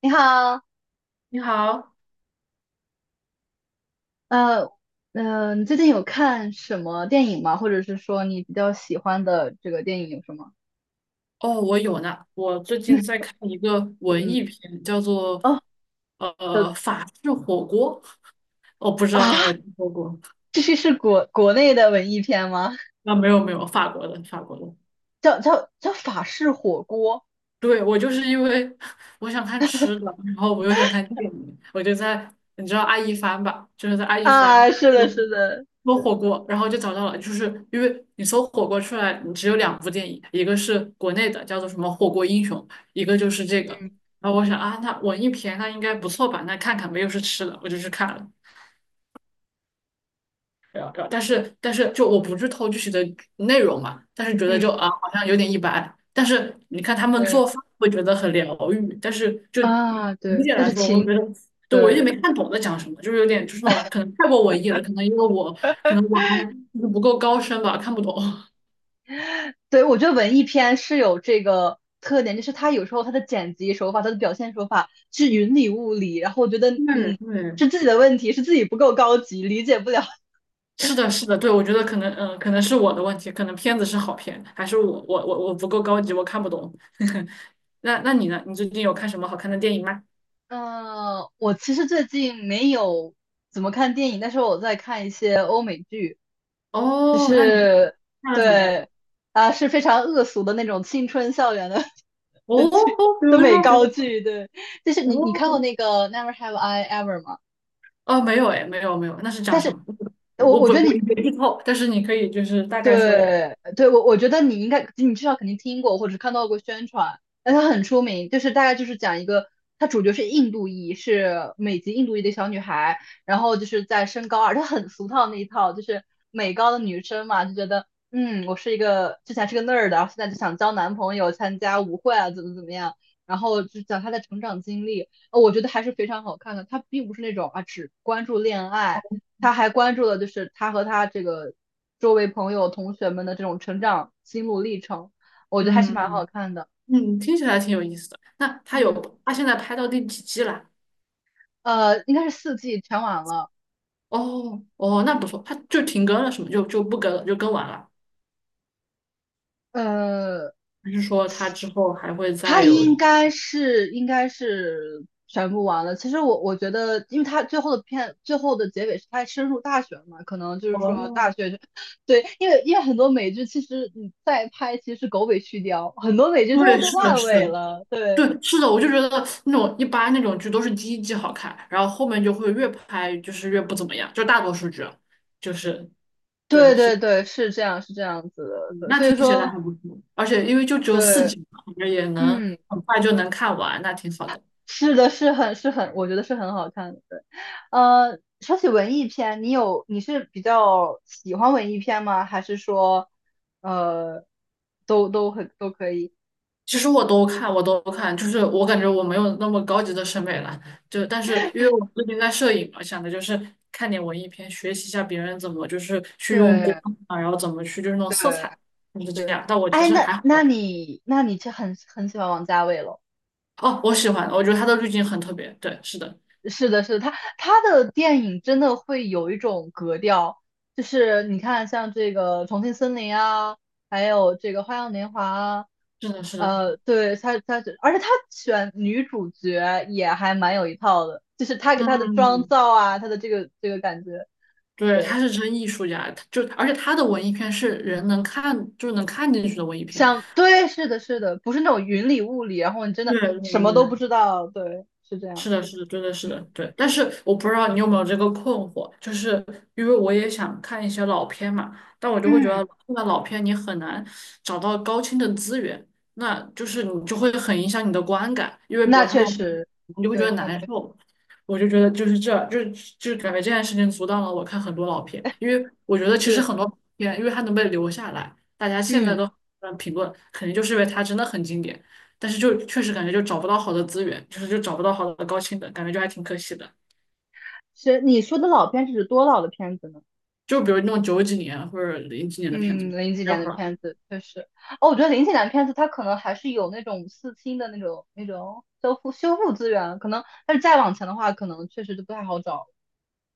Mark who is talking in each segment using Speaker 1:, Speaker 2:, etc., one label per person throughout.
Speaker 1: 你好，
Speaker 2: 你好，
Speaker 1: 呃，你最近有看什么电影吗？或者是说你比较喜欢的这个电影有什么？
Speaker 2: 哦，我有呢。我最近在 看一个文
Speaker 1: 嗯。
Speaker 2: 艺片，叫做
Speaker 1: 哦。的。
Speaker 2: 法式火锅。我不知道
Speaker 1: 啊，
Speaker 2: 你有没有听说过？
Speaker 1: 这是国内的文艺片吗？
Speaker 2: 啊，没有没有，法国的法国的。
Speaker 1: 叫法式火锅。
Speaker 2: 对，我就是因为我想看吃的，然后我又想看电影，我就在你知道爱一帆吧，就是在爱一帆
Speaker 1: 啊，是的，
Speaker 2: 搜
Speaker 1: 是的。
Speaker 2: 搜火锅，然后就找到了，就是因为你搜火锅出来，你只有两部电影，一个是国内的叫做什么《火锅英雄》，一个就是这个。
Speaker 1: 嗯
Speaker 2: 然后我想啊，那文艺片那应该不错吧？那看看没有是吃的，我就去看了。对啊，然后但是就我不剧偷具体的内容嘛，但是觉得就
Speaker 1: 嗯。
Speaker 2: 啊好像有点一般。但是你看他们
Speaker 1: 对
Speaker 2: 做饭会觉得很疗愈，但是就
Speaker 1: 啊。
Speaker 2: 理
Speaker 1: 对，
Speaker 2: 解
Speaker 1: 那
Speaker 2: 来
Speaker 1: 就
Speaker 2: 说，我会
Speaker 1: 亲。
Speaker 2: 觉得对我有点
Speaker 1: 对。
Speaker 2: 没看懂在讲什么，就是有点就是那种可能太过文艺了，可能因为我可能我还就是不够高深吧，看不懂。
Speaker 1: 对，我觉得文艺片是有这个特点，就是它有时候它的剪辑手法、它的表现手法是云里雾里，然后我觉得，
Speaker 2: 嗯
Speaker 1: 是
Speaker 2: 嗯，
Speaker 1: 自己的问题，是自己不够高级，理解不了。
Speaker 2: 是的，是的，对，我觉得可能，可能是我的问题，可能片子是好片，还是我不够高级，我看不懂。那那你呢？你最近有看什么好看的电影吗？
Speaker 1: 嗯、我其实最近没有怎么看电影，但是我在看一些欧美剧，就
Speaker 2: 哦，那你
Speaker 1: 是
Speaker 2: 看了什么呀？
Speaker 1: 对。啊，是非常恶俗的那种青春校园的 的
Speaker 2: 哦哦，比
Speaker 1: 的
Speaker 2: 如
Speaker 1: 美
Speaker 2: 说，比如
Speaker 1: 高
Speaker 2: 说，
Speaker 1: 剧。对，就是你看过
Speaker 2: 哦
Speaker 1: 那个《Never Have I Ever》吗？
Speaker 2: 哦，没有哎，没有没有，那是讲
Speaker 1: 但
Speaker 2: 什
Speaker 1: 是
Speaker 2: 么？我
Speaker 1: 我
Speaker 2: 我
Speaker 1: 我
Speaker 2: 不
Speaker 1: 觉得
Speaker 2: 我
Speaker 1: 你
Speaker 2: 也没剧透，但是你可以就是大概说一说，
Speaker 1: 对对，我觉得你应该，你至少肯定听过或者看到过宣传，但它很出名，就是大概就是讲一个，它主角是印度裔，是美籍印度裔的小女孩，然后就是在升高二，她很俗套那一套，就是美高的女生嘛，就觉得嗯，我是一个之前是个 nerd,然后现在就想交男朋友，参加舞会啊，怎么样，然后就讲她的成长经历，我觉得还是非常好看的，她并不是那种啊只关注恋爱。她还关注了就是她和她这个周围朋友、同学们的这种成长心路历程，我觉得还是蛮好
Speaker 2: 嗯
Speaker 1: 看的。
Speaker 2: 嗯，听起来挺有意思的。那他有
Speaker 1: 嗯。
Speaker 2: 他现在拍到第几季了？
Speaker 1: 应该是四季全完了。
Speaker 2: 哦哦，那不错，他就停更了，是吗？就不更了，就更完了。
Speaker 1: 呃，
Speaker 2: 还是说他之后还会
Speaker 1: 它
Speaker 2: 再
Speaker 1: 应
Speaker 2: 有？
Speaker 1: 该是应该是全部完了。其实我觉得，因为它最后的片最后的结尾是它深入大学嘛，可能就是说大
Speaker 2: 哦，
Speaker 1: 学。对，因为因为很多美剧其实你再拍其实是狗尾续貂，很多美剧最后
Speaker 2: 对，
Speaker 1: 都
Speaker 2: 是的，
Speaker 1: 烂
Speaker 2: 是
Speaker 1: 尾
Speaker 2: 的，
Speaker 1: 了。对。
Speaker 2: 对，是的，我就觉得那种一般那种剧都是第一季好看，然后后面就会越拍就是越不怎么样，就大多数剧啊就是对
Speaker 1: 对
Speaker 2: 是，
Speaker 1: 对对，是这样是这样子的。
Speaker 2: 嗯
Speaker 1: 对，
Speaker 2: 那
Speaker 1: 所
Speaker 2: 听
Speaker 1: 以
Speaker 2: 起来
Speaker 1: 说
Speaker 2: 还不错，而且因为就只有四
Speaker 1: 对。
Speaker 2: 集嘛，感觉也能
Speaker 1: 嗯。
Speaker 2: 很快就能看完，那挺好的。
Speaker 1: 是的，是很是很，我觉得是很好看的。对。说起文艺片，你有你是比较喜欢文艺片吗？还是说，呃，都都很都可以？
Speaker 2: 其实我都看，我都看，就是我感觉我没有那么高级的审美了，就但是因为我最近在摄影嘛，想的就是看点文艺片，学习一下别人怎么就是去用光
Speaker 1: 对
Speaker 2: 啊，然后怎么去就是那种色
Speaker 1: 对
Speaker 2: 彩，就是这
Speaker 1: 对。
Speaker 2: 样。但我其
Speaker 1: 哎，
Speaker 2: 实
Speaker 1: 那
Speaker 2: 还
Speaker 1: 那
Speaker 2: 好。
Speaker 1: 你那你就很很喜欢王家卫咯。
Speaker 2: 哦，我喜欢，我觉得他的滤镜很特别。对，是的，
Speaker 1: 是的，是的，他他的电影真的会有一种格调，就是你看像这个《重庆森林》啊，还有这个《花样年华》啊
Speaker 2: 是的，是的，
Speaker 1: 对，她她是，而且她选女主角也还蛮有一套的，就是她给她的妆
Speaker 2: 嗯，
Speaker 1: 造啊，她的这个这个感觉。
Speaker 2: 对，
Speaker 1: 对，
Speaker 2: 他是真艺术家，他就而且他的文艺片是人能看，就是能看进去的文艺片。
Speaker 1: 像对，是的，是的，不是那种云里雾里，然后你真的
Speaker 2: 对对
Speaker 1: 什么都不
Speaker 2: 对
Speaker 1: 知道。对，是这样。
Speaker 2: 是的，是的，对的，是
Speaker 1: 嗯
Speaker 2: 的，对。但是我不知道你有没有这个困惑，就是因为我也想看一些老片嘛，但我就会觉
Speaker 1: 嗯，
Speaker 2: 得看到老片你很难找到高清的资源，那就是你就会很影响你的观感，因为比
Speaker 1: 那
Speaker 2: 如他
Speaker 1: 确
Speaker 2: 们
Speaker 1: 实。
Speaker 2: 你就会觉得
Speaker 1: 对，那确
Speaker 2: 难
Speaker 1: 实
Speaker 2: 受。我就觉得就是这，就是就是感觉这件事情阻挡了我看很多老片，因为我觉得其实
Speaker 1: 是。
Speaker 2: 很多片，因为它能被留下来，大家现在
Speaker 1: 嗯，
Speaker 2: 都很评论，肯定就是因为它真的很经典。但是就确实感觉就找不到好的资源，就是就找不到好的高清的，感觉就还挺可惜的。
Speaker 1: 是你说的老片是指多老的片子呢？
Speaker 2: 就比如那种九几年或者零几年的片子，
Speaker 1: 嗯，零几
Speaker 2: 没有
Speaker 1: 年的
Speaker 2: 了。
Speaker 1: 片子确实。哦，我觉得零几年的片子它可能还是有那种四清的那种那种修复修复资源，可能，但是再往前的话，可能确实就不太好找。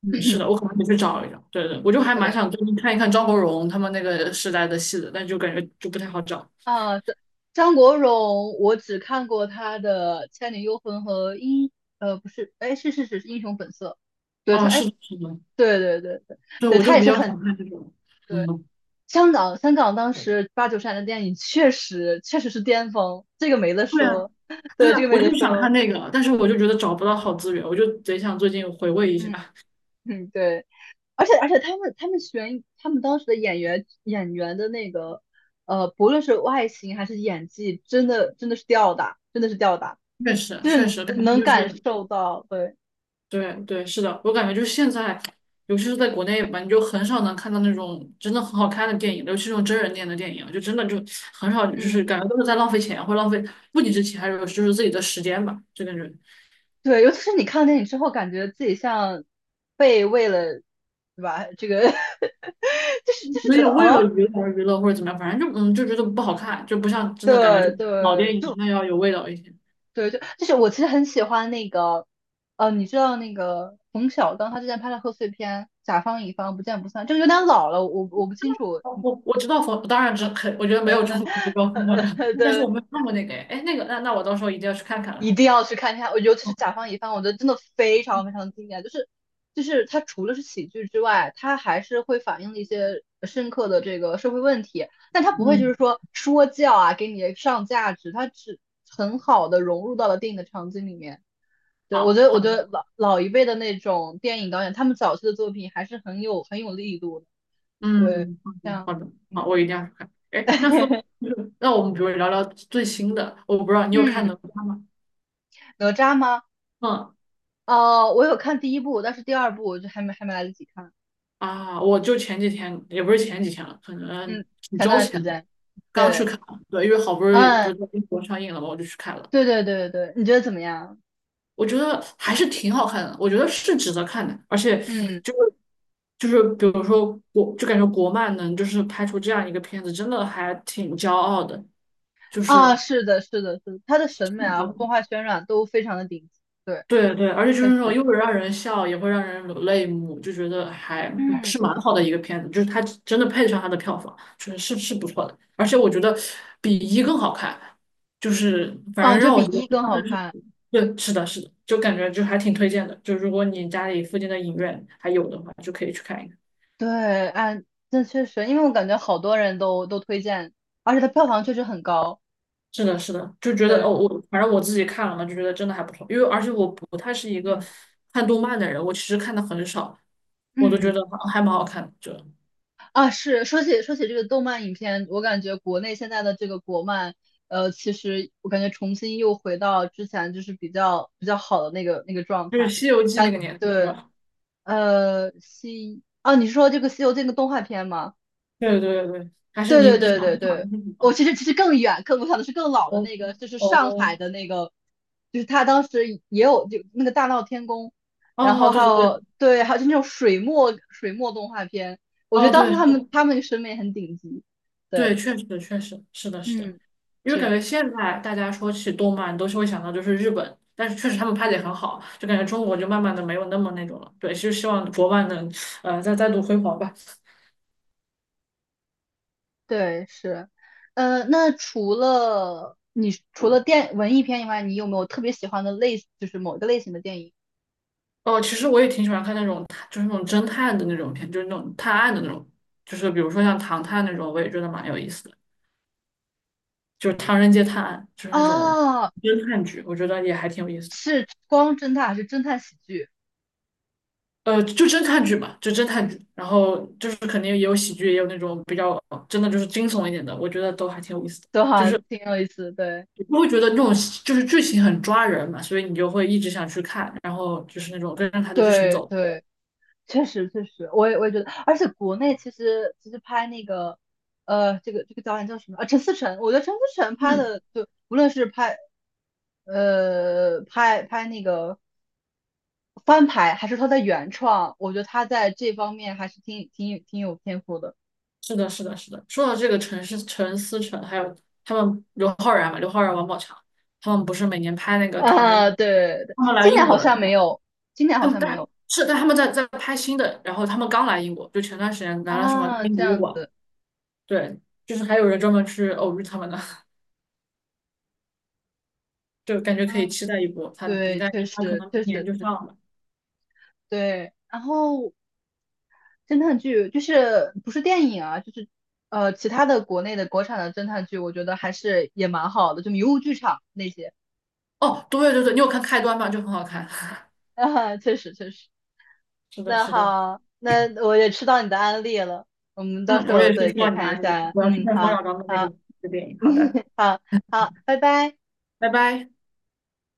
Speaker 2: 嗯，是的，我 可能得去找一找。对对，我就 还蛮
Speaker 1: 对。
Speaker 2: 想最近看一看张国荣他们那个时代的戏的，但就感觉就不太好找。
Speaker 1: 啊，这张国荣，我只看过他的《倩女幽魂》和英，不是，哎，是，是英雄本色。对他，
Speaker 2: 啊，是
Speaker 1: 哎，
Speaker 2: 的，是的，
Speaker 1: 对对对对，
Speaker 2: 对，
Speaker 1: 对
Speaker 2: 我就
Speaker 1: 他也
Speaker 2: 比
Speaker 1: 是
Speaker 2: 较
Speaker 1: 很
Speaker 2: 想看这种，
Speaker 1: 对。
Speaker 2: 嗯，
Speaker 1: 香港，香港当时八九十年代的电影确实确实是巅峰，这个没得
Speaker 2: 对啊，
Speaker 1: 说，
Speaker 2: 对
Speaker 1: 对，这
Speaker 2: 啊，
Speaker 1: 个
Speaker 2: 我
Speaker 1: 没
Speaker 2: 就
Speaker 1: 得
Speaker 2: 是想看
Speaker 1: 说。
Speaker 2: 那个，但是我就觉得找不到好资源，我就贼想最近回味一下。
Speaker 1: 嗯。嗯，对，而且而且他们他们选他们当时的演员演员的那个不论是外形还是演技，真的真的是吊打，真的是吊打，
Speaker 2: 确实，
Speaker 1: 就
Speaker 2: 确
Speaker 1: 是
Speaker 2: 实，感
Speaker 1: 能
Speaker 2: 觉就
Speaker 1: 感
Speaker 2: 是。
Speaker 1: 受到。对。
Speaker 2: 对对，是的，我感觉就是现在，尤其是在国内吧，你就很少能看到那种真的很好看的电影，尤其是那种真人电影的电影，就真的就很少，就
Speaker 1: 嗯。
Speaker 2: 是感觉都是在浪费钱，或浪费不仅是钱，还有就是自己的时间吧，就感觉
Speaker 1: 对，尤其是你看电影之后，感觉自己像被为了，对吧？这个 就是就是
Speaker 2: 有
Speaker 1: 觉得，
Speaker 2: 点为了
Speaker 1: 哦，
Speaker 2: 娱乐而娱乐或者怎么样，反正就嗯就觉得不好看，就不像真的感觉
Speaker 1: 对
Speaker 2: 就老
Speaker 1: 对。
Speaker 2: 电影真
Speaker 1: 就
Speaker 2: 的要有味道一些。
Speaker 1: 对，就就是我其实很喜欢那个。你知道那个冯小刚他之前拍的贺岁片《甲方乙方不见不散》，这个有点老了，我不清楚。
Speaker 2: 哦，我我知道冯，当然知肯，我觉得没有中国不高分的，但是
Speaker 1: 对，
Speaker 2: 我没有看过那个，哎，诶那个那那我到时候一定要去看看
Speaker 1: 一
Speaker 2: 了。
Speaker 1: 定要去看一下，我尤其是
Speaker 2: 哦，
Speaker 1: 《甲方乙方》，我觉得真的非常非常经典，就是就是它除了是喜剧之外，它还是会反映了一些深刻的这个社会问题，但它不会就
Speaker 2: 嗯，
Speaker 1: 是说说教啊，给你上价值，它只很好的融入到了电影的场景里面。对，我觉
Speaker 2: 好。
Speaker 1: 得，我
Speaker 2: 好
Speaker 1: 觉得老老一辈的那种电影导演，他们早期的作品还是很有很有力度的。对。
Speaker 2: 嗯，
Speaker 1: 像。
Speaker 2: 好的，
Speaker 1: 嗯。
Speaker 2: 好，我一定要去看。哎，那说，那我们比如聊聊最新的，我不知道你有看哪
Speaker 1: 嗯，
Speaker 2: 吒吗？
Speaker 1: 哪吒吗？
Speaker 2: 嗯，
Speaker 1: 哦，我有看第一部，但是第二部我就还没还没来得及看。
Speaker 2: 啊，我就前几天，也不是前几天了，可能
Speaker 1: 嗯，
Speaker 2: 几
Speaker 1: 前
Speaker 2: 周
Speaker 1: 段时
Speaker 2: 前
Speaker 1: 间。
Speaker 2: 刚去
Speaker 1: 对。
Speaker 2: 看了。对，因为好不容易不
Speaker 1: 嗯，
Speaker 2: 是在英国上映了嘛，我就去看了。
Speaker 1: 对对对对，你觉得怎么样？
Speaker 2: 我觉得还是挺好看的，我觉得是值得看的，而且
Speaker 1: 嗯。
Speaker 2: 就是就是比如说国，就感觉国漫能就是拍出这样一个片子，真的还挺骄傲的，就
Speaker 1: 啊，
Speaker 2: 是。
Speaker 1: 是的，是的，是的他的审美啊，动画渲染都非常的顶级。对，
Speaker 2: 对对，而且就
Speaker 1: 确
Speaker 2: 是那种
Speaker 1: 实。
Speaker 2: 又会让人笑，也会让人流泪目，就觉得还
Speaker 1: 嗯。
Speaker 2: 是蛮好的一个片子，就是它真的配得上它的票房，就是是是不错的，而且我觉得比一更好看，就是反
Speaker 1: 啊，
Speaker 2: 正
Speaker 1: 这
Speaker 2: 让
Speaker 1: 比
Speaker 2: 我觉得
Speaker 1: 一
Speaker 2: 印
Speaker 1: 更
Speaker 2: 象
Speaker 1: 好
Speaker 2: 最深
Speaker 1: 看。
Speaker 2: 刻对，是的，是的，就感觉就还挺推荐的，就如果你家里附近的影院还有的话，就可以去看一看。
Speaker 1: 对。啊，那确实，因为我感觉好多人都都推荐，而且它票房确实很高。
Speaker 2: 是的，是的，就觉得
Speaker 1: 对。
Speaker 2: 哦，我反正我自己看了嘛，就觉得真的还不错，因为而且我不太是一个
Speaker 1: 嗯
Speaker 2: 看动漫的人，我其实看的很少，我都觉
Speaker 1: 嗯
Speaker 2: 得还还蛮好看的，就。
Speaker 1: 啊，是说起说起这个动漫影片，我感觉国内现在的这个国漫，其实我感觉重新又回到之前就是比较比较好的那个那个状
Speaker 2: 就是
Speaker 1: 态。
Speaker 2: 《西游记》那
Speaker 1: 感
Speaker 2: 个年代是
Speaker 1: 对。
Speaker 2: 吧？
Speaker 1: 西啊，你是说这个《西游记》那个动画片吗？
Speaker 2: 对对对对，还是
Speaker 1: 对
Speaker 2: 你
Speaker 1: 对
Speaker 2: 你想
Speaker 1: 对对
Speaker 2: 你想
Speaker 1: 对，
Speaker 2: 的是什
Speaker 1: 我
Speaker 2: 么？
Speaker 1: 其实其实更远，更我想的是更老的
Speaker 2: 哦
Speaker 1: 那个，就是上
Speaker 2: 哦
Speaker 1: 海的那个，就是他当时也有就那个大闹天宫，然
Speaker 2: 哦，
Speaker 1: 后还
Speaker 2: 对对对，
Speaker 1: 有对，还有就那种水墨水墨动画片，我觉得
Speaker 2: 哦
Speaker 1: 当时
Speaker 2: 对
Speaker 1: 他们他们审美很顶级。
Speaker 2: 对，
Speaker 1: 对。
Speaker 2: 确实确实是的是的，
Speaker 1: 嗯，
Speaker 2: 因为感
Speaker 1: 是。
Speaker 2: 觉现在大家说起动漫都是会想到就是日本，但是确实他们拍的也很好，就感觉中国就慢慢的没有那么那种了。对，就希望国漫能再再度辉煌吧。
Speaker 1: 对是。那除了你除了电文艺片以外，你有没有特别喜欢的类，就是某个类型的电影
Speaker 2: 哦，其实我也挺喜欢看那种就是那种侦探的那种片，就是那种探案的那种，就是比如说像《唐探》那种，我也觉得蛮有意思的。就是《唐人街探案》，就是那种
Speaker 1: 啊？
Speaker 2: 侦探剧，我觉得也还挺有意思的。
Speaker 1: 是光侦探还是侦探喜剧？
Speaker 2: 就侦探剧嘛，就侦探剧，然后就是肯定也有喜剧，也有那种比较真的就是惊悚一点的，我觉得都还挺有意思的。
Speaker 1: 都还挺有意思。对
Speaker 2: 我会觉得那种就是剧情很抓人嘛，所以你就会一直想去看，然后就是那种跟着它的剧情
Speaker 1: 对
Speaker 2: 走。
Speaker 1: 对，确实确实，我也我也觉得，而且国内其实其实拍那个，这个这个导演叫什么啊？陈思诚，我觉得陈思诚拍
Speaker 2: 嗯，
Speaker 1: 的，就无论是拍，拍那个翻拍，还是他的原创，我觉得他在这方面还是挺有天赋的
Speaker 2: 是的，是的，是的。说到这个陈思诚，还有他们刘昊然嘛，刘昊然、王宝强，他们不是每年拍那个《唐人
Speaker 1: 啊。
Speaker 2: 街》，
Speaker 1: 对对，
Speaker 2: 他们来
Speaker 1: 今
Speaker 2: 英
Speaker 1: 年
Speaker 2: 国
Speaker 1: 好
Speaker 2: 了。
Speaker 1: 像没有，今年
Speaker 2: 他
Speaker 1: 好
Speaker 2: 们
Speaker 1: 像没
Speaker 2: 但
Speaker 1: 有
Speaker 2: 是但他们在拍新的，然后他们刚来英国，就前段时间来了什么大
Speaker 1: 啊，
Speaker 2: 英
Speaker 1: 这
Speaker 2: 博物
Speaker 1: 样
Speaker 2: 馆，
Speaker 1: 子
Speaker 2: 对，就是还有人专门去偶遇他们的，就感觉可
Speaker 1: 啊。
Speaker 2: 以期待一波。他一
Speaker 1: 对，
Speaker 2: 旦
Speaker 1: 确
Speaker 2: 他可
Speaker 1: 实
Speaker 2: 能
Speaker 1: 确
Speaker 2: 明年
Speaker 1: 实
Speaker 2: 就上了。
Speaker 1: 对。然后侦探剧就是不是电影啊，就是其他的国内的国产的侦探剧，我觉得还是也蛮好的，就迷雾剧场那些。
Speaker 2: 哦，对对对，你有看开端吗？就很好看。
Speaker 1: 啊，确实确实。
Speaker 2: 是的，
Speaker 1: 那
Speaker 2: 是的，
Speaker 1: 好，那我也吃到你的安利了，我们到
Speaker 2: 嗯，
Speaker 1: 时
Speaker 2: 我
Speaker 1: 候
Speaker 2: 也是
Speaker 1: 对可
Speaker 2: 说
Speaker 1: 以
Speaker 2: 到你
Speaker 1: 看
Speaker 2: 那
Speaker 1: 一
Speaker 2: 里了，
Speaker 1: 下。
Speaker 2: 我要去
Speaker 1: 嗯，
Speaker 2: 看冯
Speaker 1: 好
Speaker 2: 小刚的那个
Speaker 1: 好，
Speaker 2: 那个电影。好
Speaker 1: 嗯，
Speaker 2: 的，
Speaker 1: 好好，拜拜。
Speaker 2: 拜拜。